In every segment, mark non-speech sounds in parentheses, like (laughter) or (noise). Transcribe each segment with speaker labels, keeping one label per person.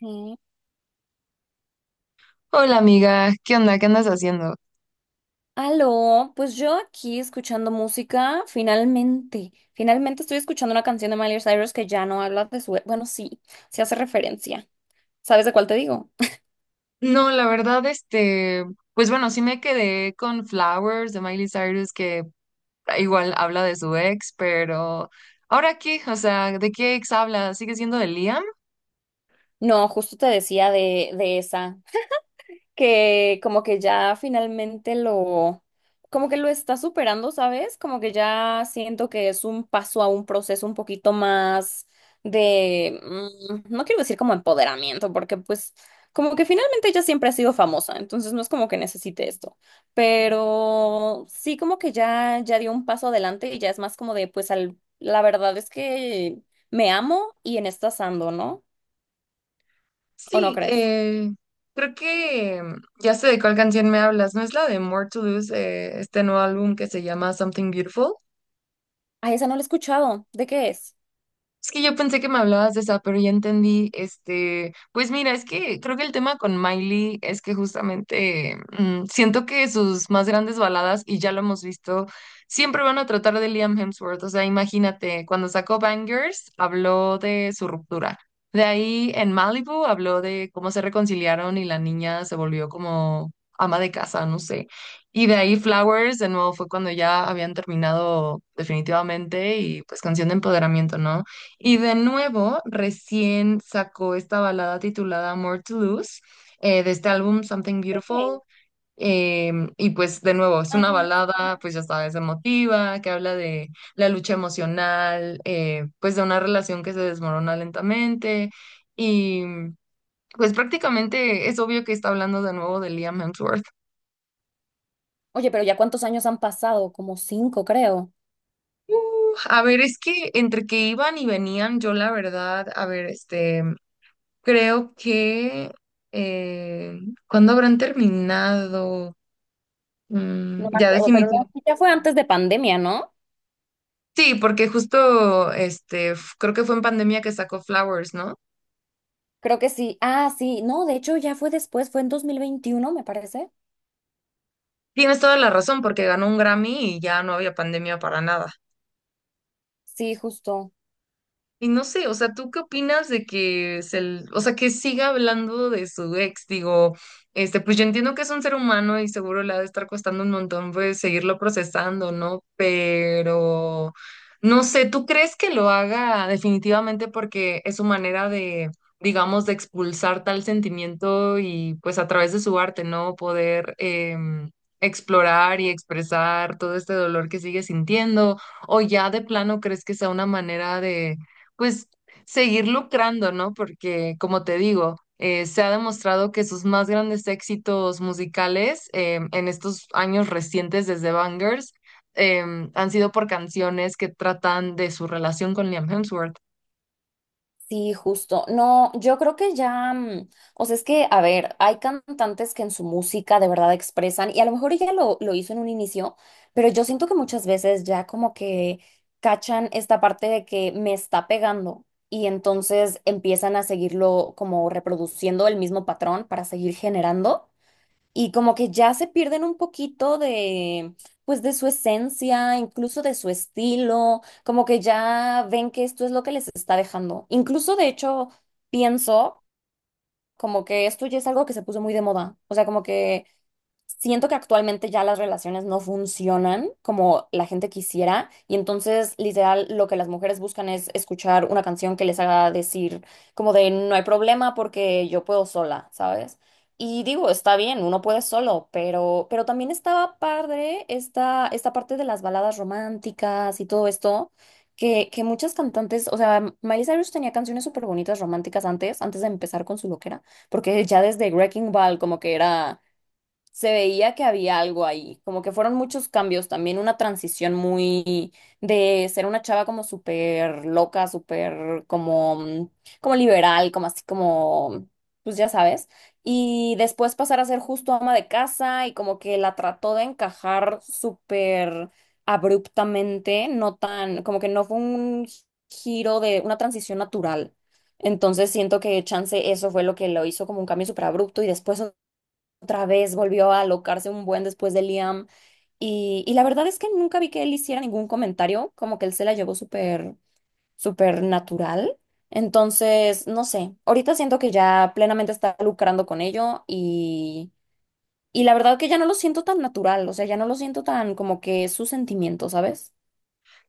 Speaker 1: Sí.
Speaker 2: Hola amiga, ¿qué onda? ¿Qué andas haciendo?
Speaker 1: Aló, pues yo aquí escuchando música, finalmente, finalmente estoy escuchando una canción de Miley Cyrus que ya no habla de su, sí, sí hace referencia. ¿Sabes de cuál te digo? (laughs)
Speaker 2: No, la verdad, pues bueno, sí me quedé con Flowers de Miley Cyrus, que igual habla de su ex, pero ¿ahora qué? O sea, ¿de qué ex habla? ¿Sigue siendo de Liam?
Speaker 1: No, justo te decía de esa. Que como que ya finalmente lo, como que lo está superando, ¿sabes? Como que ya siento que es un paso a un proceso un poquito más de, no quiero decir como empoderamiento, porque pues como que finalmente ella siempre ha sido famosa, entonces no es como que necesite esto, pero sí como que ya dio un paso adelante y ya es más como de, pues la verdad es que me amo y en estas ando, ¿no? ¿O no
Speaker 2: Sí,
Speaker 1: crees?
Speaker 2: creo que ya sé de cuál canción me hablas, ¿no es la de More to Lose, este nuevo álbum que se llama Something Beautiful?
Speaker 1: Ay, esa no la he escuchado. ¿De qué es?
Speaker 2: Es que yo pensé que me hablabas de esa, pero ya entendí, pues mira, es que creo que el tema con Miley es que justamente siento que sus más grandes baladas, y ya lo hemos visto, siempre van a tratar de Liam Hemsworth. O sea, imagínate, cuando sacó Bangers, habló de su ruptura. De ahí en Malibu habló de cómo se reconciliaron y la niña se volvió como ama de casa, no sé. Y de ahí Flowers, de nuevo, fue cuando ya habían terminado definitivamente y pues canción de empoderamiento, ¿no? Y de nuevo, recién sacó esta balada titulada More to Lose, de este álbum Something Beautiful. eh, y pues de nuevo, es una
Speaker 1: Ok.
Speaker 2: balada, pues ya sabes, emotiva, que habla de la lucha emocional, pues de una relación que se desmorona lentamente. Y pues prácticamente es obvio que está hablando de nuevo de Liam Hemsworth.
Speaker 1: Oye, pero ya cuántos años han pasado, como cinco, creo.
Speaker 2: A ver, es que entre que iban y venían, yo la verdad, a ver, este. Creo que eh, ¿cuándo habrán terminado?
Speaker 1: No
Speaker 2: Mm,
Speaker 1: me
Speaker 2: ya
Speaker 1: acuerdo, pero no,
Speaker 2: definitivamente.
Speaker 1: sí, ya fue antes de pandemia, ¿no?
Speaker 2: Sí, porque justo este, creo que fue en pandemia que sacó Flowers, ¿no?
Speaker 1: Creo que sí. Ah, sí, no, de hecho ya fue después, fue en 2021, me parece.
Speaker 2: Tienes toda la razón, porque ganó un Grammy y ya no había pandemia para nada.
Speaker 1: Sí, justo.
Speaker 2: Y no sé, o sea, ¿tú qué opinas de que se, o sea, que siga hablando de su ex? Digo, pues yo entiendo que es un ser humano y seguro le ha de estar costando un montón, pues, seguirlo procesando, ¿no? Pero, no sé, ¿tú crees que lo haga definitivamente porque es su manera de, digamos, de expulsar tal sentimiento y, pues, a través de su arte, ¿no? Poder explorar y expresar todo este dolor que sigue sintiendo? ¿O ya de plano crees que sea una manera de pues seguir lucrando, ¿no? Porque, como te digo, se ha demostrado que sus más grandes éxitos musicales en estos años recientes desde Bangers eh, han sido por canciones que tratan de su relación con Liam Hemsworth.
Speaker 1: Sí, justo. No, yo creo que ya, o sea, es que, a ver, hay cantantes que en su música de verdad expresan, y a lo mejor ella lo hizo en un inicio, pero yo siento que muchas veces ya como que cachan esta parte de que me está pegando y entonces empiezan a seguirlo como reproduciendo el mismo patrón para seguir generando y como que ya se pierden un poquito de, pues de su esencia, incluso de su estilo, como que ya ven que esto es lo que les está dejando. Incluso de hecho pienso como que esto ya es algo que se puso muy de moda, o sea, como que siento que actualmente ya las relaciones no funcionan como la gente quisiera y entonces literal lo que las mujeres buscan es escuchar una canción que les haga decir como de no hay problema porque yo puedo sola, ¿sabes? Y digo, está bien, uno puede solo, pero también estaba padre esta parte de las baladas románticas y todo esto, que muchas cantantes, o sea, Miley Cyrus tenía canciones súper bonitas románticas antes, antes de empezar con su loquera, porque ya desde Wrecking Ball como que era, se veía que había algo ahí, como que fueron muchos cambios, también una transición muy de ser una chava como súper loca, súper como, como liberal, como así como, pues ya sabes, y después pasar a ser justo ama de casa y como que la trató de encajar súper abruptamente, no tan, como que no fue un giro de una transición natural. Entonces siento que chance eso fue lo que lo hizo como un cambio súper abrupto y después otra vez volvió a alocarse un buen después de Liam. Y la verdad es que nunca vi que él hiciera ningún comentario, como que él se la llevó súper, súper natural. Entonces, no sé, ahorita siento que ya plenamente está lucrando con ello y la verdad que ya no lo siento tan natural, o sea, ya no lo siento tan como que es su sentimiento, ¿sabes?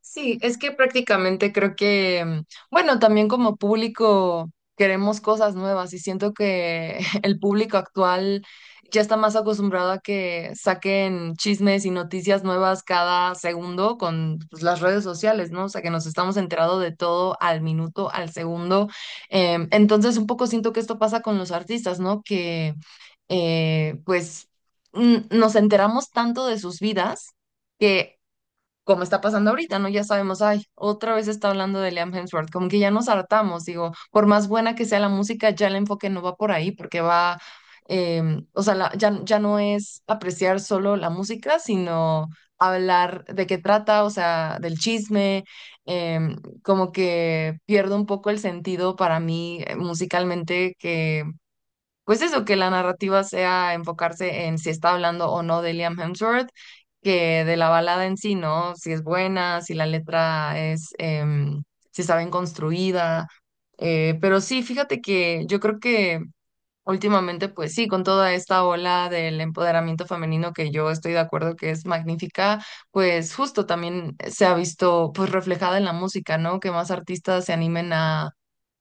Speaker 2: Sí, es que prácticamente creo que, bueno, también como público queremos cosas nuevas y siento que (laughs) el público actual ya está más acostumbrado a que saquen chismes y noticias nuevas cada segundo con pues, las redes sociales, ¿no? O sea, que nos estamos enterando de todo al minuto, al segundo. Entonces, un poco siento que esto pasa con los artistas, ¿no? Que pues nos enteramos tanto de sus vidas. Que como está pasando ahorita, ¿no? Ya sabemos, ay, otra vez está hablando de Liam Hemsworth, como que ya nos hartamos, digo, por más buena que sea la música, ya el enfoque no va por ahí, porque va, o sea, ya no es apreciar solo la música, sino hablar de qué trata, o sea, del chisme, em, como que pierdo un poco el sentido para mí musicalmente que pues eso, que la narrativa sea enfocarse en si está hablando o no de Liam Hemsworth, que de la balada en sí, ¿no? Si es buena, si la letra es, si está bien construida. Pero sí, fíjate que yo creo que últimamente, pues sí, con toda esta ola del empoderamiento femenino que yo estoy de acuerdo que es magnífica, pues justo también se ha visto pues reflejada en la música, ¿no? Que más artistas se animen a.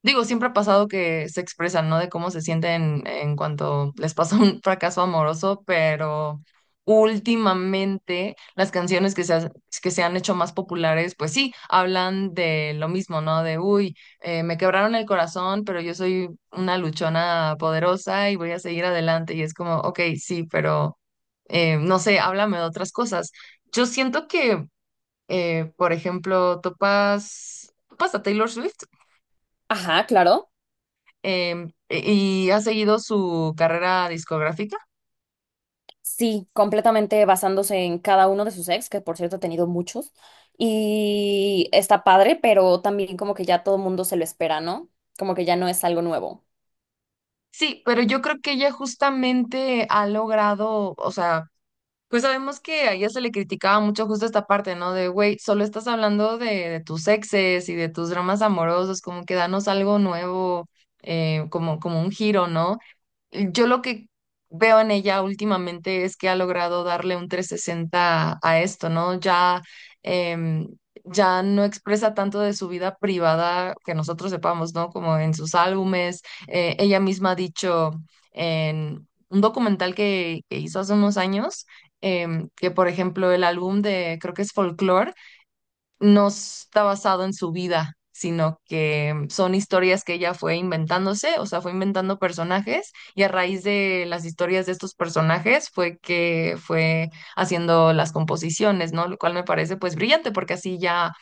Speaker 2: Digo, siempre ha pasado que se expresan, ¿no? De cómo se sienten en cuanto les pasa un (laughs) fracaso amoroso, pero últimamente las canciones que se, que se han hecho más populares, pues sí, hablan de lo mismo, ¿no? De, uy, me quebraron el corazón, pero yo soy una luchona poderosa y voy a seguir adelante. Y es como, ok, sí, pero no sé, háblame de otras cosas. Yo siento que, por ejemplo, topas a Taylor Swift
Speaker 1: Ajá, claro.
Speaker 2: y ha seguido su carrera discográfica.
Speaker 1: Sí, completamente basándose en cada uno de sus ex, que por cierto ha tenido muchos. Y está padre, pero también como que ya todo el mundo se lo espera, ¿no? Como que ya no es algo nuevo.
Speaker 2: Sí, pero yo creo que ella justamente ha logrado, o sea, pues sabemos que a ella se le criticaba mucho justo esta parte, ¿no? De, güey, solo estás hablando de tus exes y de tus dramas amorosos, como que danos algo nuevo, como un giro, ¿no? Yo lo que veo en ella últimamente es que ha logrado darle un 360 a esto, ¿no? Ya, em, ya no expresa tanto de su vida privada que nosotros sepamos, ¿no? Como en sus álbumes. Ella misma ha dicho en un documental que hizo hace unos años, que por ejemplo el álbum de, creo que es Folklore, no está basado en su vida, sino que son historias que ella fue inventándose, o sea, fue inventando personajes y a raíz de las historias de estos personajes fue que fue haciendo las composiciones, ¿no? Lo cual me parece pues brillante porque así ya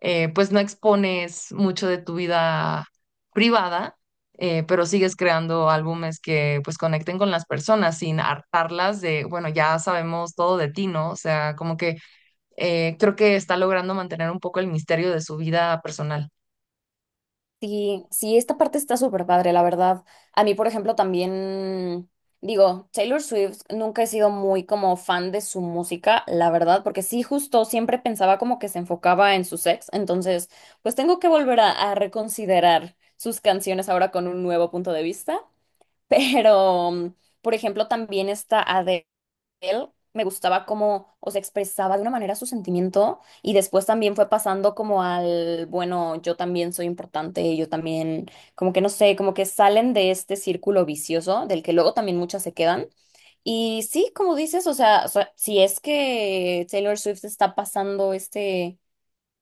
Speaker 2: pues no expones mucho de tu vida privada. Pero sigues creando álbumes que pues conecten con las personas sin hartarlas de, bueno, ya sabemos todo de ti, ¿no? O sea, como que creo que está logrando mantener un poco el misterio de su vida personal.
Speaker 1: Sí, sí, esta parte está súper padre, la verdad. A mí, por ejemplo, también digo, Taylor Swift nunca he sido muy como fan de su música, la verdad, porque sí, justo siempre pensaba como que se enfocaba en sus ex. Entonces, pues tengo que volver a reconsiderar sus canciones ahora con un nuevo punto de vista. Pero, por ejemplo, también esta Adele, me gustaba cómo, o sea, expresaba de una manera su sentimiento y después también fue pasando como al, bueno, yo también soy importante, yo también, como que no sé, como que salen de este círculo vicioso del que luego también muchas se quedan. Y sí, como dices, o sea, si es que Taylor Swift está pasando este,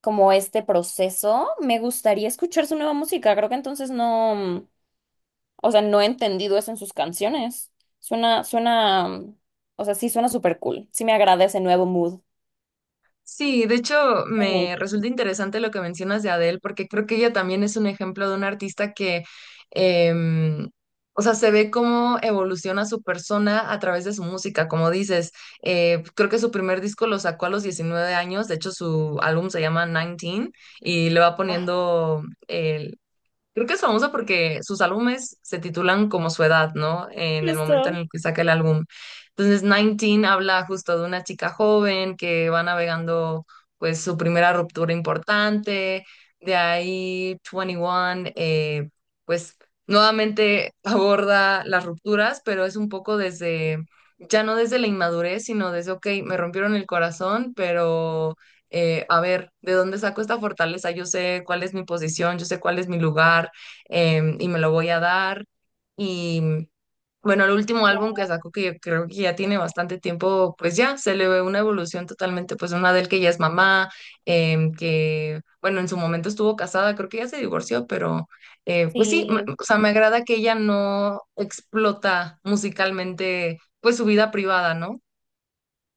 Speaker 1: como este proceso, me gustaría escuchar su nueva música. Creo que entonces no. O sea, no he entendido eso en sus canciones. Suena, suena, o sea, sí suena súper cool. Sí me agrada ese nuevo mood
Speaker 2: Sí, de hecho
Speaker 1: en
Speaker 2: me
Speaker 1: ella.
Speaker 2: resulta interesante lo que mencionas de Adele, porque creo que ella también es un ejemplo de una artista que, em, o sea, se ve cómo evoluciona su persona a través de su música, como dices. Creo que su primer disco lo sacó a los 19 años, de hecho su álbum se llama 19, y le va
Speaker 1: Ah,
Speaker 2: poniendo. Creo que es famosa porque sus álbumes se titulan como su edad, ¿no? En el momento en
Speaker 1: justo.
Speaker 2: el que saca el álbum. Entonces, 19 habla justo de una chica joven que va navegando pues su primera ruptura importante. De ahí, 21, pues nuevamente (laughs) aborda las rupturas, pero es un poco desde, ya no desde la inmadurez, sino desde, ok, me rompieron el corazón, pero a ver, ¿de dónde saco esta fortaleza? Yo sé cuál es mi posición, yo sé cuál es mi lugar, y me lo voy a dar. Y bueno, el último álbum
Speaker 1: Claro.
Speaker 2: que sacó, que yo creo que ya tiene bastante tiempo, pues ya se le ve una evolución totalmente, pues una del que ya es mamá, que bueno, en su momento estuvo casada, creo que ya se divorció, pero pues sí,
Speaker 1: Sí.
Speaker 2: o sea, me agrada que ella no explota musicalmente, pues su vida privada, ¿no?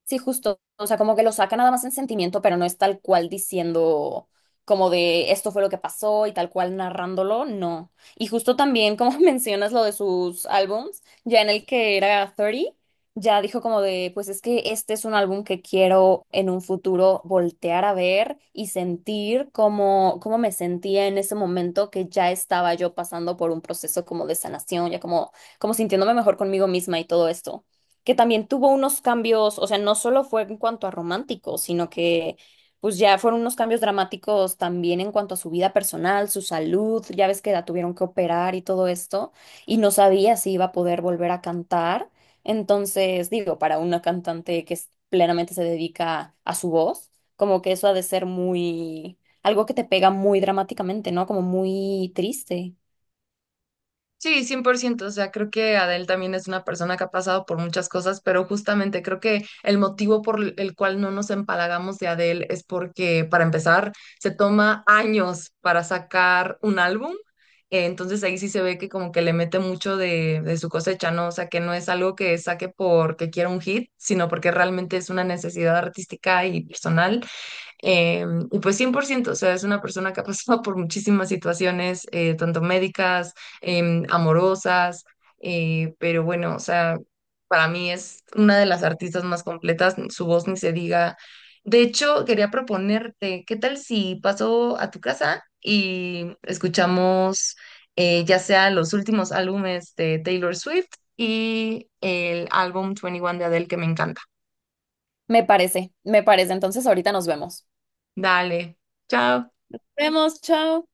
Speaker 1: Sí, justo. O sea, como que lo saca nada más en sentimiento, pero no es tal cual diciendo como de esto fue lo que pasó y tal cual narrándolo, no. Y justo también, como (laughs) mencionas lo de sus álbums, ya en el que era 30, ya dijo como de, pues es que este es un álbum que quiero en un futuro voltear a ver y sentir como, cómo me sentía en ese momento que ya estaba yo pasando por un proceso como de sanación, ya como, como sintiéndome mejor conmigo misma y todo esto, que también tuvo unos cambios, o sea, no solo fue en cuanto a romántico, sino que pues ya fueron unos cambios dramáticos también en cuanto a su vida personal, su salud, ya ves que la tuvieron que operar y todo esto, y no sabía si iba a poder volver a cantar. Entonces, digo, para una cantante que plenamente se dedica a su voz, como que eso ha de ser muy, algo que te pega muy dramáticamente, ¿no? Como muy triste.
Speaker 2: Sí, 100%. O sea, creo que Adele también es una persona que ha pasado por muchas cosas, pero justamente creo que el motivo por el cual no nos empalagamos de Adele es porque, para empezar, se toma años para sacar un álbum, entonces ahí sí se ve que como que le mete mucho de su cosecha, ¿no? O sea, que no es algo que saque porque quiera un hit, sino porque realmente es una necesidad artística y personal, eh, y pues 100%, o sea, es una persona que ha pasado (laughs) por muchísimas situaciones, tanto médicas, amorosas, pero bueno, o sea, para mí es una de las artistas más completas, su voz ni se diga. De hecho, quería proponerte, ¿qué tal si paso a tu casa y escuchamos, ya sea los últimos álbumes de Taylor Swift y el álbum 21 de Adele que me encanta?
Speaker 1: Me parece, me parece. Entonces, ahorita nos vemos.
Speaker 2: Dale, chao.
Speaker 1: Vemos, chao.